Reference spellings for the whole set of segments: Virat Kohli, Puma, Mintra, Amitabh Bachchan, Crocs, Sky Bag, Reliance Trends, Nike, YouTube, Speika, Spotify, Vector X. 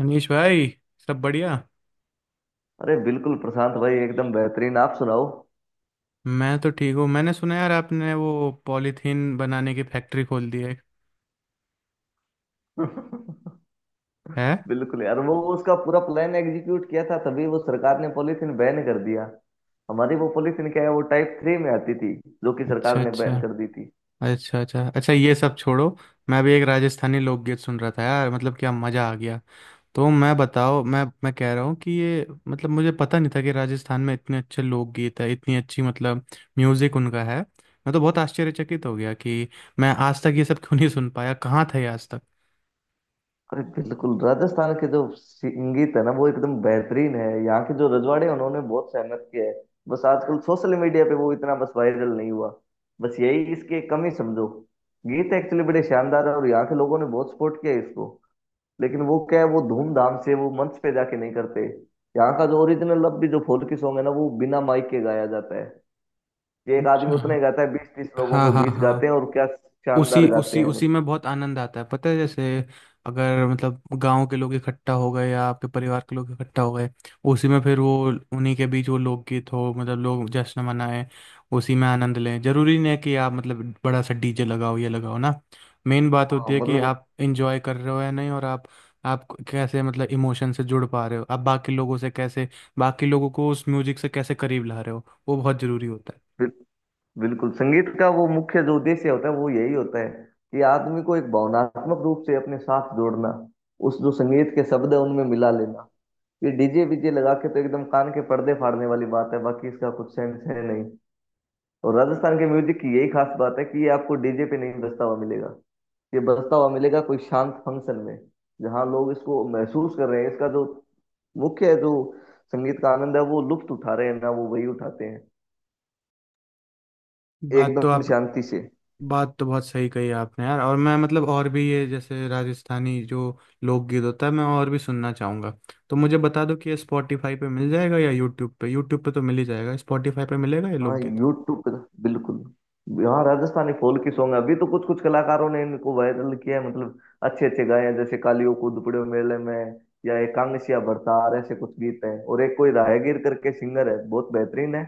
मनीष भाई। सब बढ़िया। अरे बिल्कुल, प्रशांत भाई, एकदम बेहतरीन। आप सुनाओ। मैं तो ठीक हूँ। मैंने सुना यार आपने वो पॉलीथीन बनाने की फैक्ट्री खोल दी है है बिल्कुल यार, वो उसका पूरा प्लान एग्जीक्यूट किया था, तभी वो सरकार ने पॉलीथीन बैन कर दिया। हमारी वो पॉलीथीन क्या है, वो टाइप 3 में आती थी, जो कि अच्छा सरकार ने बैन अच्छा। कर दी थी। अच्छा अच्छा अच्छा ये सब छोड़ो। मैं भी एक राजस्थानी लोकगीत सुन रहा था यार मतलब क्या मज़ा आ गया। तो मैं बताओ मैं कह रहा हूँ कि ये मतलब मुझे पता नहीं था कि राजस्थान में इतने अच्छे लोकगीत है इतनी अच्छी मतलब म्यूज़िक उनका है। मैं तो बहुत आश्चर्यचकित हो गया कि मैं आज तक ये सब क्यों नहीं सुन पाया कहाँ था ये आज तक। अरे बिल्कुल, राजस्थान के जो संगीत है ना, वो एकदम बेहतरीन है। यहाँ के जो रजवाड़े हैं, उन्होंने बहुत सहमत किया है। बस आजकल सोशल मीडिया पे वो इतना बस वायरल नहीं हुआ। बस यही इसकी एक कमी समझो। गीत एक्चुअली बड़े शानदार है और यहाँ के लोगों ने बहुत सपोर्ट किया है इसको। लेकिन वो क्या है, वो धूमधाम से वो मंच पे जाके नहीं करते। यहाँ का जो ओरिजिनल अब भी जो फोल्की सॉन्ग है ना, वो बिना माइक के गाया जाता है। कि एक आदमी उतना ही अच्छा। गाता है, 20 30 लोगों हाँ के हाँ बीच गाते हाँ। हैं, और क्या शानदार उसी गाते उसी हैं, मतलब। उसी में बहुत आनंद आता है पता है। जैसे अगर मतलब गांव के लोग इकट्ठा हो गए या आपके परिवार के लोग इकट्ठा हो गए उसी में फिर वो उन्हीं के बीच वो लोकगीत हो मतलब लोग जश्न मनाएं उसी में आनंद लें। जरूरी नहीं है कि आप मतलब बड़ा सा डीजे लगाओ ये लगाओ ना। मेन बात हाँ, होती है कि मतलब वो आप इंजॉय कर रहे हो या नहीं। और आप कैसे मतलब इमोशन से जुड़ पा रहे हो, आप बाकी लोगों से कैसे, बाकी लोगों को उस म्यूजिक से कैसे करीब ला रहे हो, वो बहुत जरूरी होता बिल- बिल्कुल संगीत का वो मुख्य जो उद्देश्य होता है वो यही होता है। कि आदमी को एक भावनात्मक रूप से अपने साथ जोड़ना, उस जो संगीत के शब्द है उनमें मिला लेना। ये डीजे वीजे लगा के तो एकदम कान के पर्दे फाड़ने वाली बात है, बाकी इसका कुछ सेंस है नहीं। और राजस्थान के म्यूजिक की यही खास बात है कि ये आपको डीजे पे नहीं बजता हुआ मिलेगा। ये बजता हुआ मिलेगा कोई शांत फंक्शन में, जहाँ लोग इसको महसूस कर रहे हैं। इसका जो मुख्य जो संगीत का आनंद है, वो लुप्त उठा रहे हैं ना, वो वही उठाते हैं, है। एकदम शांति से। बात तो बहुत सही कही आपने यार। और मैं मतलब और भी ये जैसे राजस्थानी जो लोकगीत होता है मैं और भी सुनना चाहूंगा। तो मुझे बता दो कि ये स्पॉटिफाई पे मिल जाएगा या यूट्यूब पे। यूट्यूब पे तो मिल ही जाएगा, स्पॉटिफाई पे मिलेगा ये हाँ, लोकगीत? यूट्यूब पे था, बिल्कुल। हाँ, राजस्थानी फोल्क सॉन्ग अभी तो कुछ कुछ कलाकारों ने इनको वायरल किया है, मतलब अच्छे अच्छे गाए हैं, जैसे कालियो को दुपड़े मेले में, या एक कांगसिया भरतार, ऐसे कुछ गीत हैं। और एक कोई राहगीर करके सिंगर है, बहुत बेहतरीन है।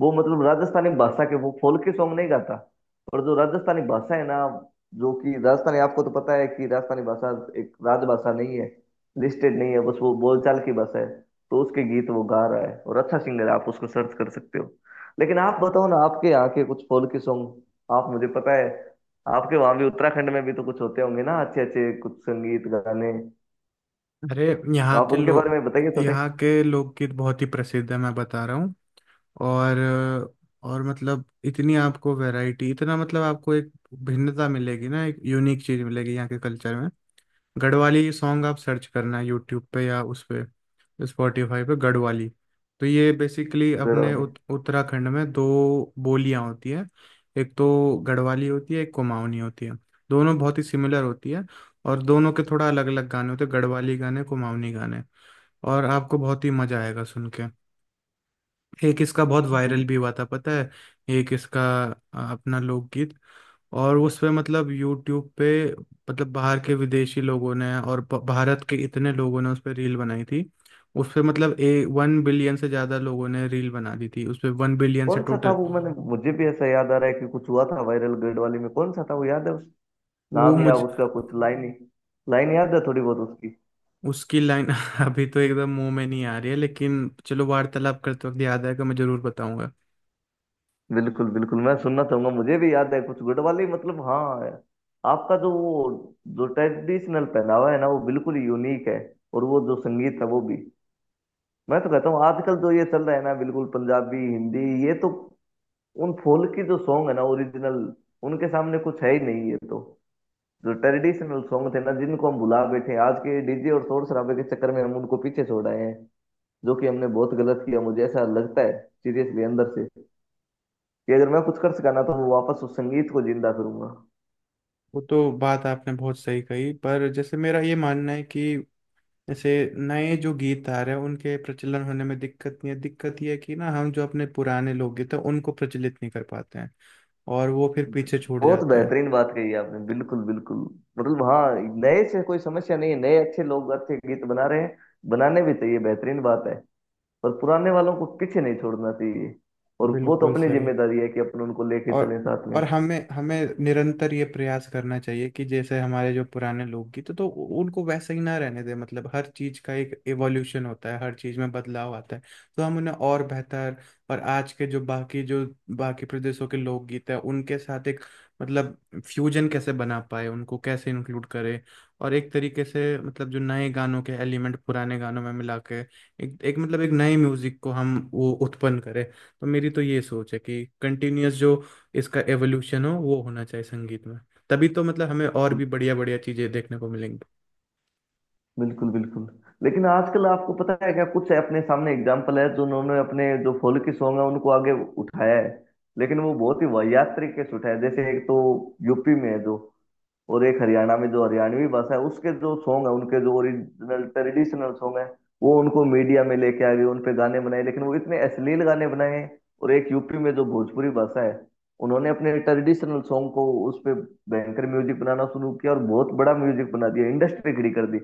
वो मतलब राजस्थानी भाषा के वो फोल्क सॉन्ग नहीं गाता, पर जो राजस्थानी भाषा है ना, जो कि राजस्थानी, आपको तो पता है कि राजस्थानी भाषा एक राजभाषा नहीं है, लिस्टेड नहीं है, बस वो बोलचाल की भाषा है। तो उसके गीत वो गा रहा है और अच्छा सिंगर है, आप उसको सर्च कर सकते हो। लेकिन आप बताओ ना, आपके यहाँ के कुछ फोल्क सॉन्ग, आप, मुझे पता है आपके वहां भी, उत्तराखंड में भी तो कुछ होते होंगे ना, अच्छे अच्छे कुछ संगीत गाने। अरे, तो यहाँ आप के उनके बारे लोग में बताइए थोड़े। यहाँ के लोकगीत बहुत ही प्रसिद्ध है मैं बता रहा हूँ। और और मतलब इतनी आपको वैरायटी, इतना मतलब आपको एक भिन्नता मिलेगी ना, एक यूनिक चीज मिलेगी यहाँ के कल्चर में। गढ़वाली सॉन्ग आप सर्च करना यूट्यूब पे या उस पे स्पॉटिफाई पे गढ़वाली। तो ये बेसिकली गढ़ अपने वाले। उत्तराखंड में दो बोलियां होती हैं। एक तो गढ़वाली होती है, एक कुमाऊनी होती है। दोनों बहुत ही सिमिलर होती है। और दोनों के थोड़ा अलग अलग गाने होते हैं, गढ़वाली गाने, कुमाऊनी गाने। और आपको बहुत ही मजा आएगा सुन के। एक इसका बहुत बिल- वायरल भी हुआ था पता है। एक इसका अपना लोकगीत, और उस पे मतलब यूट्यूब पे मतलब बाहर के विदेशी लोगों ने और भारत के इतने लोगों ने उस पे रील बनाई थी। उस पे मतलब ए 1 बिलियन से ज्यादा लोगों ने रील बना दी थी उस पे, 1 बिलियन से कौन सा था टोटल। वो? मैंने, मुझे भी ऐसा याद आ रहा है कि कुछ हुआ था वायरल गढ़ वाले में, कौन सा था वो? याद है उस वो नाम या मुझ उसका कुछ लाइन ही, लाइन याद है थोड़ी बहुत उसकी? उसकी लाइन अभी तो एकदम मुंह में नहीं आ रही है, लेकिन चलो वार्तालाप करते वक्त याद आएगा, मैं जरूर बताऊंगा। बिल्कुल बिल्कुल, मैं सुनना चाहूंगा। मुझे भी याद है कुछ गुड वाली, मतलब हाँ। आपका जो वो जो ट्रेडिशनल पहनावा है ना, वो बिल्कुल यूनिक है। और वो जो संगीत है वो भी, मैं तो कहता हूँ आजकल जो ये चल रहा है ना बिल्कुल पंजाबी हिंदी, ये तो उन फोल्क की जो सॉन्ग है ना ओरिजिनल, उनके सामने कुछ है ही नहीं। ये तो जो ट्रेडिशनल सॉन्ग थे ना, जिनको हम भुला बैठे हैं, आज के डीजे और शोर शराबे के चक्कर में हम उनको पीछे छोड़ आए हैं। जो कि हमने बहुत गलत किया, मुझे ऐसा लगता है, सीरियसली अंदर से। कि अगर मैं कुछ कर सका ना, तो मैं वापस उस संगीत को जिंदा करूंगा। वो तो बात आपने बहुत सही कही, पर जैसे मेरा ये मानना है कि जैसे नए जो गीतकार हैं उनके प्रचलन होने में दिक्कत नहीं है। दिक्कत यह है कि ना, हम जो अपने पुराने लोकगीत हैं तो उनको प्रचलित नहीं कर पाते हैं, और वो फिर पीछे छूट बहुत जाते हैं। बेहतरीन बात कही आपने, बिल्कुल बिल्कुल, मतलब हाँ। नए से कोई समस्या नहीं है, नए अच्छे लोग अच्छे गीत बना रहे हैं, बनाने भी चाहिए, बेहतरीन बात है। पर पुराने वालों को पीछे नहीं छोड़ना चाहिए, और वो तो बिल्कुल अपनी सही। जिम्मेदारी है कि अपन उनको लेके और चलें साथ में। और हमें हमें निरंतर ये प्रयास करना चाहिए कि जैसे हमारे जो पुराने लोग गीत तो उनको वैसे ही ना रहने दे। मतलब हर चीज का एक एवोल्यूशन होता है, हर चीज में बदलाव आता है। तो हम उन्हें और बेहतर, और आज के जो बाकी प्रदेशों के लोकगीत है उनके साथ एक मतलब फ्यूजन कैसे बना पाए, उनको कैसे इंक्लूड करें। और एक तरीके से मतलब जो नए गानों के एलिमेंट पुराने गानों में मिला के एक मतलब एक नए म्यूजिक को हम वो उत्पन्न करें। तो मेरी तो ये सोच है कि कंटिन्यूअस जो इसका एवोल्यूशन हो वो होना चाहिए संगीत में। तभी तो मतलब हमें और भी बढ़िया बढ़िया चीजें देखने को मिलेंगी। बिल्कुल बिल्कुल। लेकिन आजकल आपको पता है क्या, कुछ अपने सामने एग्जाम्पल है जो उन्होंने अपने जो फोल्की सॉन्ग है उनको आगे उठाया है, लेकिन वो बहुत ही वाहियात तरीके से उठाया है। जैसे एक तो यूपी में है जो, और एक हरियाणा में, जो हरियाणवी भाषा है उसके जो सॉन्ग है, उनके जो ओरिजिनल ट्रेडिशनल सॉन्ग है, वो उनको मीडिया में लेके आ गए, उन पे गाने बनाए, लेकिन वो इतने अश्लील गाने बनाए हैं। और एक यूपी में जो भोजपुरी भाषा है, उन्होंने अपने ट्रेडिशनल सॉन्ग को उस पे भयंकर म्यूजिक बनाना शुरू किया, और बहुत बड़ा म्यूजिक बना दिया, इंडस्ट्री खड़ी कर दी।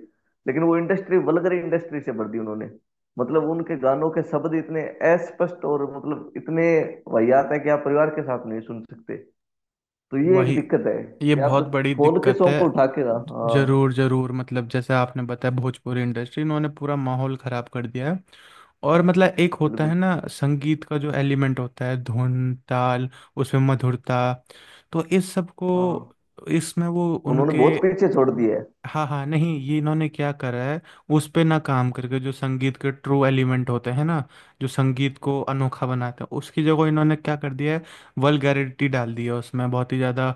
लेकिन वो इंडस्ट्री वल्गर इंडस्ट्री से भर दी उन्होंने। मतलब उनके गानों के शब्द इतने अस्पष्ट, और मतलब इतने वाहियात है कि आप परिवार के साथ नहीं सुन सकते। तो ये एक वही, दिक्कत है ये कि आप बहुत जब बड़ी फोन के दिक्कत सॉन्ग है। को उठा के ना। हाँ, जरूर जरूर। मतलब जैसे आपने बताया, भोजपुरी इंडस्ट्री इन्होंने पूरा माहौल खराब कर दिया है। और मतलब एक होता बिल्कुल। है ना संगीत का जो एलिमेंट होता है, धुन ताल, उसमें मधुरता, तो इस सब को हाँ, इसमें वो उन्होंने उनके। बहुत पीछे छोड़ दिया है। हाँ हाँ। नहीं, ये इन्होंने क्या करा है, उस पे ना काम करके, जो संगीत के ट्रू एलिमेंट होते हैं ना, जो संगीत को अनोखा बनाते हैं, उसकी जगह इन्होंने क्या कर दिया है, वल्गैरिटी डाल दी है उसमें बहुत ही ज़्यादा।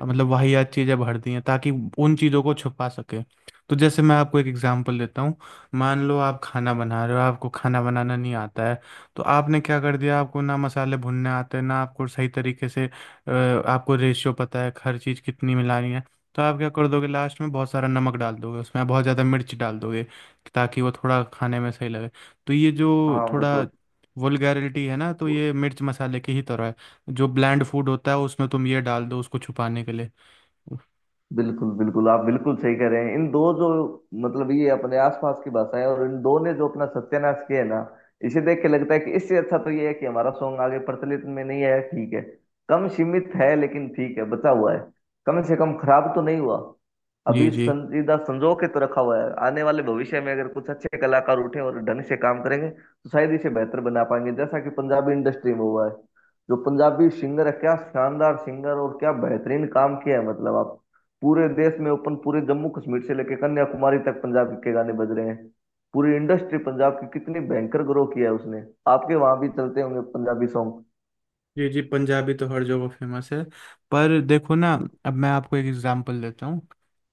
मतलब वाहियात चीज़ें भर दी हैं ताकि उन चीज़ों को छुपा सके। तो जैसे मैं आपको एक एग्जांपल देता हूँ। मान लो आप खाना बना रहे हो, आपको खाना बनाना नहीं आता है। तो आपने क्या कर दिया, आपको ना मसाले भुनने आते हैं ना, आपको सही तरीके से आपको रेशियो पता है हर चीज़ कितनी मिलानी है। तो आप क्या कर दोगे, लास्ट में बहुत सारा नमक डाल दोगे उसमें, आप बहुत ज़्यादा मिर्च डाल दोगे ताकि वो थोड़ा खाने में सही लगे। तो ये जो हाँ बस थोड़ा वल्गैरिटी है ना, तो वो, ये मिर्च मसाले की ही तरह है, जो ब्लैंड फूड होता है उसमें तुम ये डाल दो उसको छुपाने के लिए। बिल्कुल बिल्कुल, आप बिल्कुल सही कह रहे हैं। इन दो जो, मतलब ये अपने आसपास की भाषाएं, और इन दो ने जो अपना सत्यानाश किया है ना, इसे देख के लगता है कि इससे अच्छा तो ये है कि हमारा सॉन्ग आगे प्रचलित में नहीं आया, ठीक है कम सीमित है लेकिन ठीक है बचा हुआ है, कम से कम खराब तो नहीं हुआ। जी अभी जी। संजीदा संजो के तो रखा हुआ है, आने वाले भविष्य में अगर कुछ अच्छे कलाकार उठे और ढंग से काम करेंगे तो शायद इसे बेहतर बना पाएंगे, जैसा कि पंजाबी इंडस्ट्री में हुआ है। जो पंजाबी सिंगर है, क्या शानदार सिंगर, और क्या बेहतरीन काम किया है, मतलब आप पूरे देश में ओपन, पूरे जम्मू कश्मीर से लेकर कन्याकुमारी तक पंजाब के गाने बज रहे हैं। पूरी इंडस्ट्री पंजाब की कितनी भयंकर ग्रो किया है उसने। आपके वहां भी चलते होंगे पंजाबी सॉन्ग। जी जी, पंजाबी तो हर जगह फेमस है। पर देखो ना, अब मैं आपको एक एग्जांपल देता हूँ।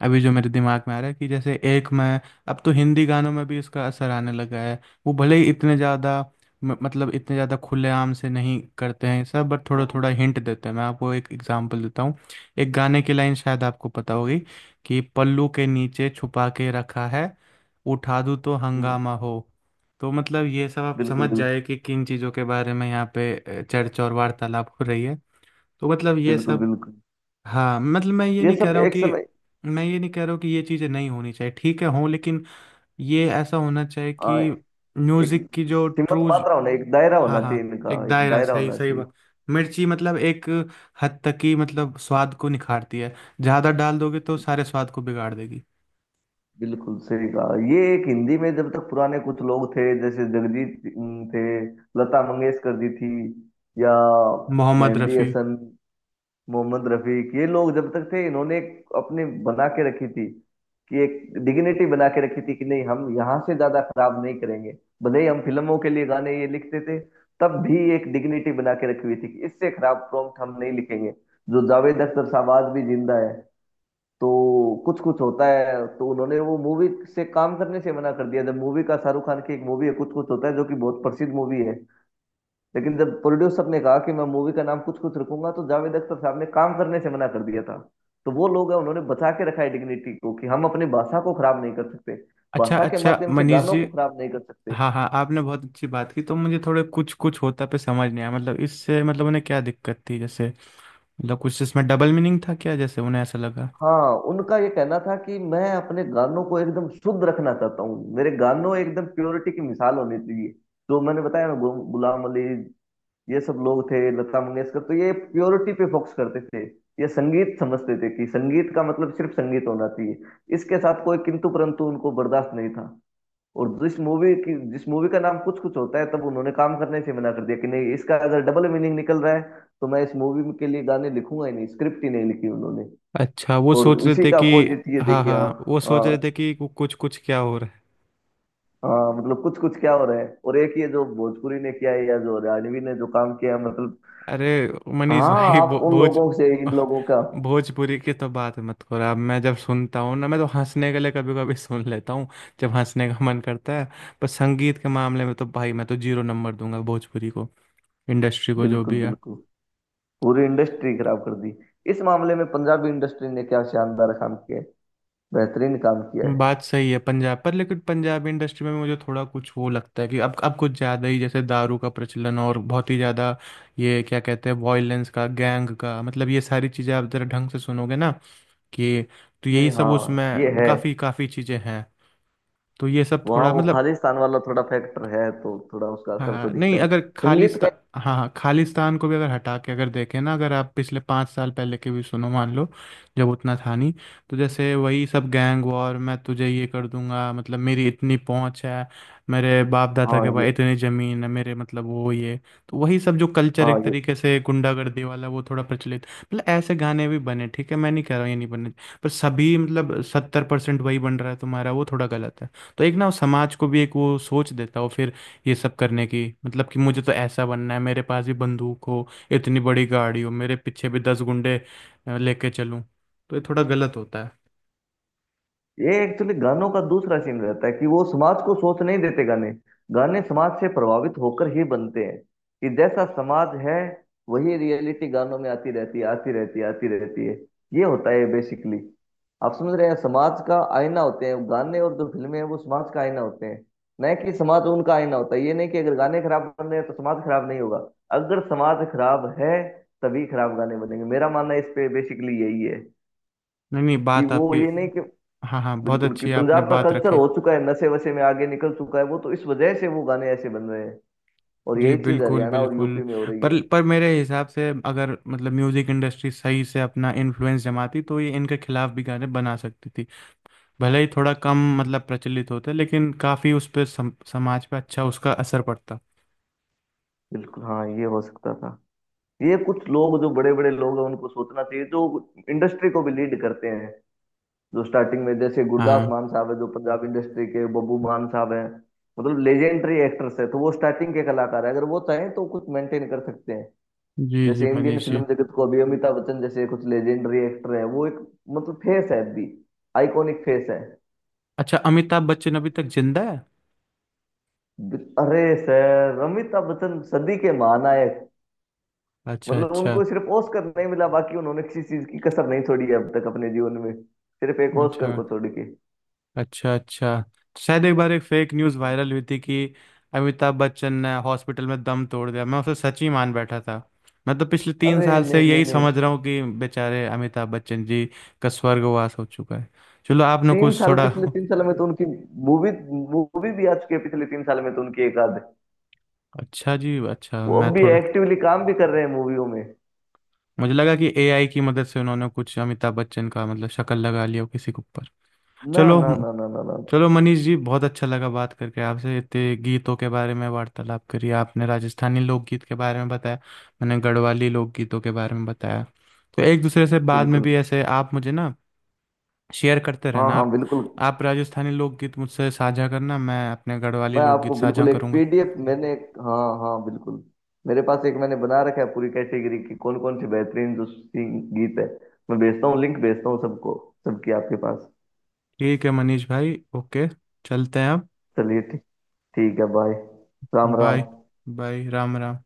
अभी जो मेरे दिमाग में आ रहा है कि जैसे एक, मैं अब तो हिंदी गानों में भी इसका असर आने लगा है। वो भले ही इतने ज़्यादा मतलब इतने ज़्यादा खुलेआम से नहीं करते हैं सब, बट थोड़ा बिल्कुल। थोड़ा हिंट देते हैं। मैं आपको एक एग्जांपल देता हूँ, एक गाने की लाइन शायद आपको पता होगी कि पल्लू के नीचे छुपा के रखा है, उठा दूँ तो हम्म, हंगामा हो। तो मतलब ये सब आप बिल्कुल समझ बिल्कुल। जाए कि किन चीज़ों के बारे में यहाँ पे चर्चा और वार्तालाप हो रही है। तो मतलब ये बिल्कुल सब, बिल्कुल। हाँ मतलब ये सब एक समय। मैं ये नहीं कह रहा हूँ कि ये चीज़ें नहीं होनी चाहिए, ठीक है हों, लेकिन ये ऐसा होना चाहिए हाँ, कि एक म्यूज़िक की जो सीमित ट्रू। मात्रा होना, एक दायरा हाँ होना चाहिए, हाँ, इनका एक एक दायरा, दायरा सही होना सही चाहिए। बात। मिर्ची मतलब एक हद तक ही मतलब स्वाद को निखारती है। ज़्यादा डाल दोगे तो सारे स्वाद को बिगाड़ देगी। बिल्कुल सही कहा। ये एक हिंदी में जब तक पुराने कुछ लोग थे, जैसे जगजीत सिंह थे, लता मंगेशकर जी थी, या मोहम्मद मेहंदी रफ़ी। हसन, मोहम्मद रफीक, ये लोग जब तक थे, इन्होंने एक अपने बना के रखी थी, कि एक डिग्निटी बना के रखी थी, कि नहीं, हम यहाँ से ज्यादा खराब नहीं करेंगे। भले ही हम फिल्मों के लिए गाने ये लिखते थे, तब भी एक डिग्निटी बना के रखी हुई थी कि इससे खराब प्रॉम्प्ट हम नहीं लिखेंगे। जो जावेद अख्तर साहब आज भी जिंदा है, तो कुछ कुछ होता है, तो उन्होंने वो मूवी से काम करने से मना कर दिया। जब मूवी का, शाहरुख खान की एक मूवी है कुछ कुछ होता है, जो कि बहुत प्रसिद्ध मूवी है, लेकिन जब प्रोड्यूसर ने कहा कि मैं मूवी का नाम कुछ कुछ रखूंगा, तो जावेद अख्तर साहब ने काम करने से मना कर दिया था। तो वो लोग हैं, उन्होंने बचा के रखा है डिग्निटी को, कि हम अपनी भाषा को खराब नहीं कर सकते, अच्छा भाषा के अच्छा माध्यम से मनीष गानों जी। को खराब नहीं कर सकते। हाँ हाँ, आपने बहुत अच्छी बात की। तो मुझे थोड़े कुछ कुछ होता पे समझ नहीं आया। मतलब इससे मतलब उन्हें क्या दिक्कत थी जैसे, मतलब कुछ इसमें डबल मीनिंग था क्या, जैसे उन्हें ऐसा लगा। हाँ, उनका ये कहना था कि मैं अपने गानों को एकदम शुद्ध रखना चाहता हूँ, मेरे गानों एकदम प्योरिटी की मिसाल होनी चाहिए। जो मैंने बताया ना, गुलाम अली, ये सब लोग थे, लता मंगेशकर, तो ये प्योरिटी पे फोकस करते थे। ये संगीत समझते थे कि संगीत का मतलब सिर्फ संगीत होना चाहिए, इसके साथ कोई किंतु परंतु उनको बर्दाश्त नहीं था। और जिस मूवी की, जिस मूवी का नाम कुछ कुछ होता है, तब उन्होंने काम करने से मना कर दिया, कि नहीं, इसका अगर डबल मीनिंग निकल रहा है तो मैं इस मूवी के लिए गाने लिखूंगा ही नहीं, स्क्रिप्ट ही नहीं लिखी उन्होंने। अच्छा, वो और सोच रहे उसी थे का कि। अपोजिट ये हाँ देखिए। हाँ। हाँ, वो सोच हाँ, रहे थे कि कुछ कुछ क्या हो रहा है। हाँ, मतलब कुछ कुछ क्या हो रहा है, और एक ये जो भोजपुरी ने किया है, या जो हरियाणवी ने जो काम किया है, मतलब। अरे मनीष हाँ। भाई, भो, आप उन भोज लोगों से इन लोगों का, भोजपुरी की तो बात मत करो। अब मैं जब सुनता हूँ ना, मैं तो हंसने के लिए कभी कभी सुन लेता हूँ, जब हंसने का मन करता है। पर संगीत के मामले में तो भाई मैं तो जीरो नंबर दूंगा भोजपुरी को, इंडस्ट्री को, जो बिल्कुल भी है। बिल्कुल, पूरी इंडस्ट्री खराब कर दी। इस मामले में पंजाबी इंडस्ट्री ने क्या शानदार काम किया है, बेहतरीन काम किया है। बात सही है पंजाब पर, लेकिन पंजाबी इंडस्ट्री में भी मुझे थोड़ा कुछ वो लगता है कि अब कुछ ज़्यादा ही, जैसे दारू का प्रचलन, और बहुत ही ज़्यादा ये क्या कहते हैं, वॉयलेंस का, गैंग का, मतलब ये सारी चीज़ें आप ज़रा ढंग से सुनोगे ना कि, तो नहीं, यही सब हाँ ये उसमें है, काफ़ी काफ़ी चीज़ें हैं। तो ये सब वहाँ थोड़ा वो मतलब, खालिस्तान वाला थोड़ा फैक्टर है, तो थोड़ा उसका असर तो हाँ दिखता नहीं, है अगर संगीत खालिस्ता का। हाँ हाँ, खालिस्तान को भी अगर हटा के अगर देखें ना, अगर आप पिछले 5 साल पहले के भी सुनो मान लो, जब उतना था नहीं। तो जैसे वही सब, गैंग वॉर, मैं तुझे ये कर दूंगा, मतलब मेरी इतनी पहुंच है, मेरे बाप दादा हाँ, के पास ये। इतनी ज़मीन है, मेरे मतलब वो ये, तो वही सब जो कल्चर हाँ, एक तरीके से गुंडागर्दी वाला, वो थोड़ा प्रचलित मतलब ऐसे गाने भी बने। ठीक है, मैं नहीं कह रहा हूँ ये नहीं बने, पर सभी मतलब 70% वही बन रहा है तुम्हारा, वो थोड़ा गलत है। तो एक ना, वो समाज को भी एक वो सोच देता है, वो फिर ये सब करने की, मतलब कि मुझे तो ऐसा बनना है, मेरे पास भी बंदूक हो, इतनी बड़ी गाड़ी हो, मेरे पीछे भी दस गुंडे लेके चलूं, तो ये थोड़ा गलत होता है। ये एक्चुअली गानों का दूसरा सीन रहता है कि वो समाज को सोच नहीं देते गाने। गाने समाज से प्रभावित होकर ही बनते हैं, कि जैसा समाज है, वही रियलिटी गानों में आती रहती है, आती रहती है, आती रहती है। ये होता है बेसिकली, आप समझ रहे हैं। समाज का आईना होते हैं गाने, और जो फिल्में हैं वो समाज का आईना होते हैं, न कि समाज उनका आईना होता है। ये नहीं कि अगर गाने खराब बन रहे हैं तो समाज खराब नहीं होगा, अगर समाज खराब है तभी खराब गाने बनेंगे। मेरा मानना इस पे बेसिकली यही है, नहीं नहीं, कि बात वो आपकी, ये नहीं कि, हाँ हाँ, बहुत बिल्कुल, कि अच्छी है, आपने पंजाब का बात कल्चर रखी। हो चुका है नशे वशे में, आगे निकल चुका है वो, तो इस वजह से वो गाने ऐसे बन रहे हैं, और जी यही चीज बिल्कुल हरियाणा और बिल्कुल। यूपी में हो रही पर है। पर मेरे हिसाब से अगर मतलब म्यूज़िक इंडस्ट्री सही से अपना इन्फ्लुएंस जमाती तो ये इनके खिलाफ भी गाने बना सकती थी। भले ही थोड़ा कम मतलब प्रचलित होते, लेकिन काफ़ी उस पर समाज पे अच्छा उसका असर पड़ता। बिल्कुल, हाँ, ये हो सकता था। ये कुछ लोग जो बड़े बड़े लोग हैं उनको सोचना चाहिए, जो इंडस्ट्री को भी लीड करते हैं, जो स्टार्टिंग में, जैसे हाँ गुरदास हाँ। मान साहब है, जो पंजाब इंडस्ट्री के बब्बू मान साहब हैं, मतलब लेजेंडरी एक्टर्स है, तो वो स्टार्टिंग के कलाकार है, अगर वो चाहें तो कुछ मेंटेन कर सकते हैं। जी जी जैसे इंडियन मनीष जी। फिल्म जगत को अभी अमिताभ बच्चन जैसे कुछ लेजेंडरी एक्टर हैं, वो एक, मतलब फेस है अभी, आइकॉनिक फेस है। अच्छा, अमिताभ बच्चन अभी तक जिंदा है? अरे सर, अमिताभ बच्चन सदी के महानायक, अच्छा। मतलब अच्छा उनको सिर्फ ऑस्कर नहीं मिला, बाकी उन्होंने किसी चीज की कसर नहीं छोड़ी है अब तक अपने जीवन में, सिर्फ एक ऑस्कर अच्छा। को छोड़ के। अच्छा अच्छा। शायद एक बार एक फेक न्यूज़ वायरल हुई थी कि अमिताभ बच्चन ने हॉस्पिटल में दम तोड़ दिया, मैं उसे सच ही मान बैठा था। मैं तो पिछले तीन अरे साल से नहीं नहीं यही नहीं, समझ रहा हूँ कि बेचारे अमिताभ बच्चन जी का स्वर्गवास हो चुका है। चलो, आपने तीन कुछ साल थोड़ा पिछले 3 साल में तो उनकी मूवी, मूवी भी आ चुकी है पिछले 3 साल में तो उनकी, एक आध। अच्छा जी। अच्छा, वो अब मैं भी थोड़ा, एक्टिवली काम भी कर रहे हैं मूवियों में। मुझे लगा कि एआई की मदद से उन्होंने कुछ अमिताभ बच्चन का मतलब शक्ल लगा लिया हो किसी के ऊपर। ना चलो। ना ना ना ना ना ना, चलो मनीष जी, बहुत अच्छा लगा बात करके आपसे, इतने गीतों के बारे में वार्तालाप करी, आपने राजस्थानी लोकगीत के बारे में बताया, मैंने गढ़वाली लोकगीतों के बारे में बताया। तो एक दूसरे से बाद में बिल्कुल। भी ऐसे आप मुझे ना शेयर करते हाँ रहना हाँ, आप। बिल्कुल, आप राजस्थानी लोकगीत मुझसे साझा करना, मैं अपने गढ़वाली मैं आपको लोकगीत साझा बिल्कुल एक करूंगा। पीडीएफ, हाँ हाँ बिल्कुल, मेरे पास एक मैंने बना रखा है पूरी कैटेगरी की, कौन कौन से बेहतरीन जो सिंग गीत है, मैं भेजता हूँ, लिंक भेजता हूँ सबको, सबकी आपके पास। ठीक है मनीष भाई, ओके, चलते हैं अब। चलिए, ठीक, ठीक है, बाय, राम राम। बाय। बाय, राम राम।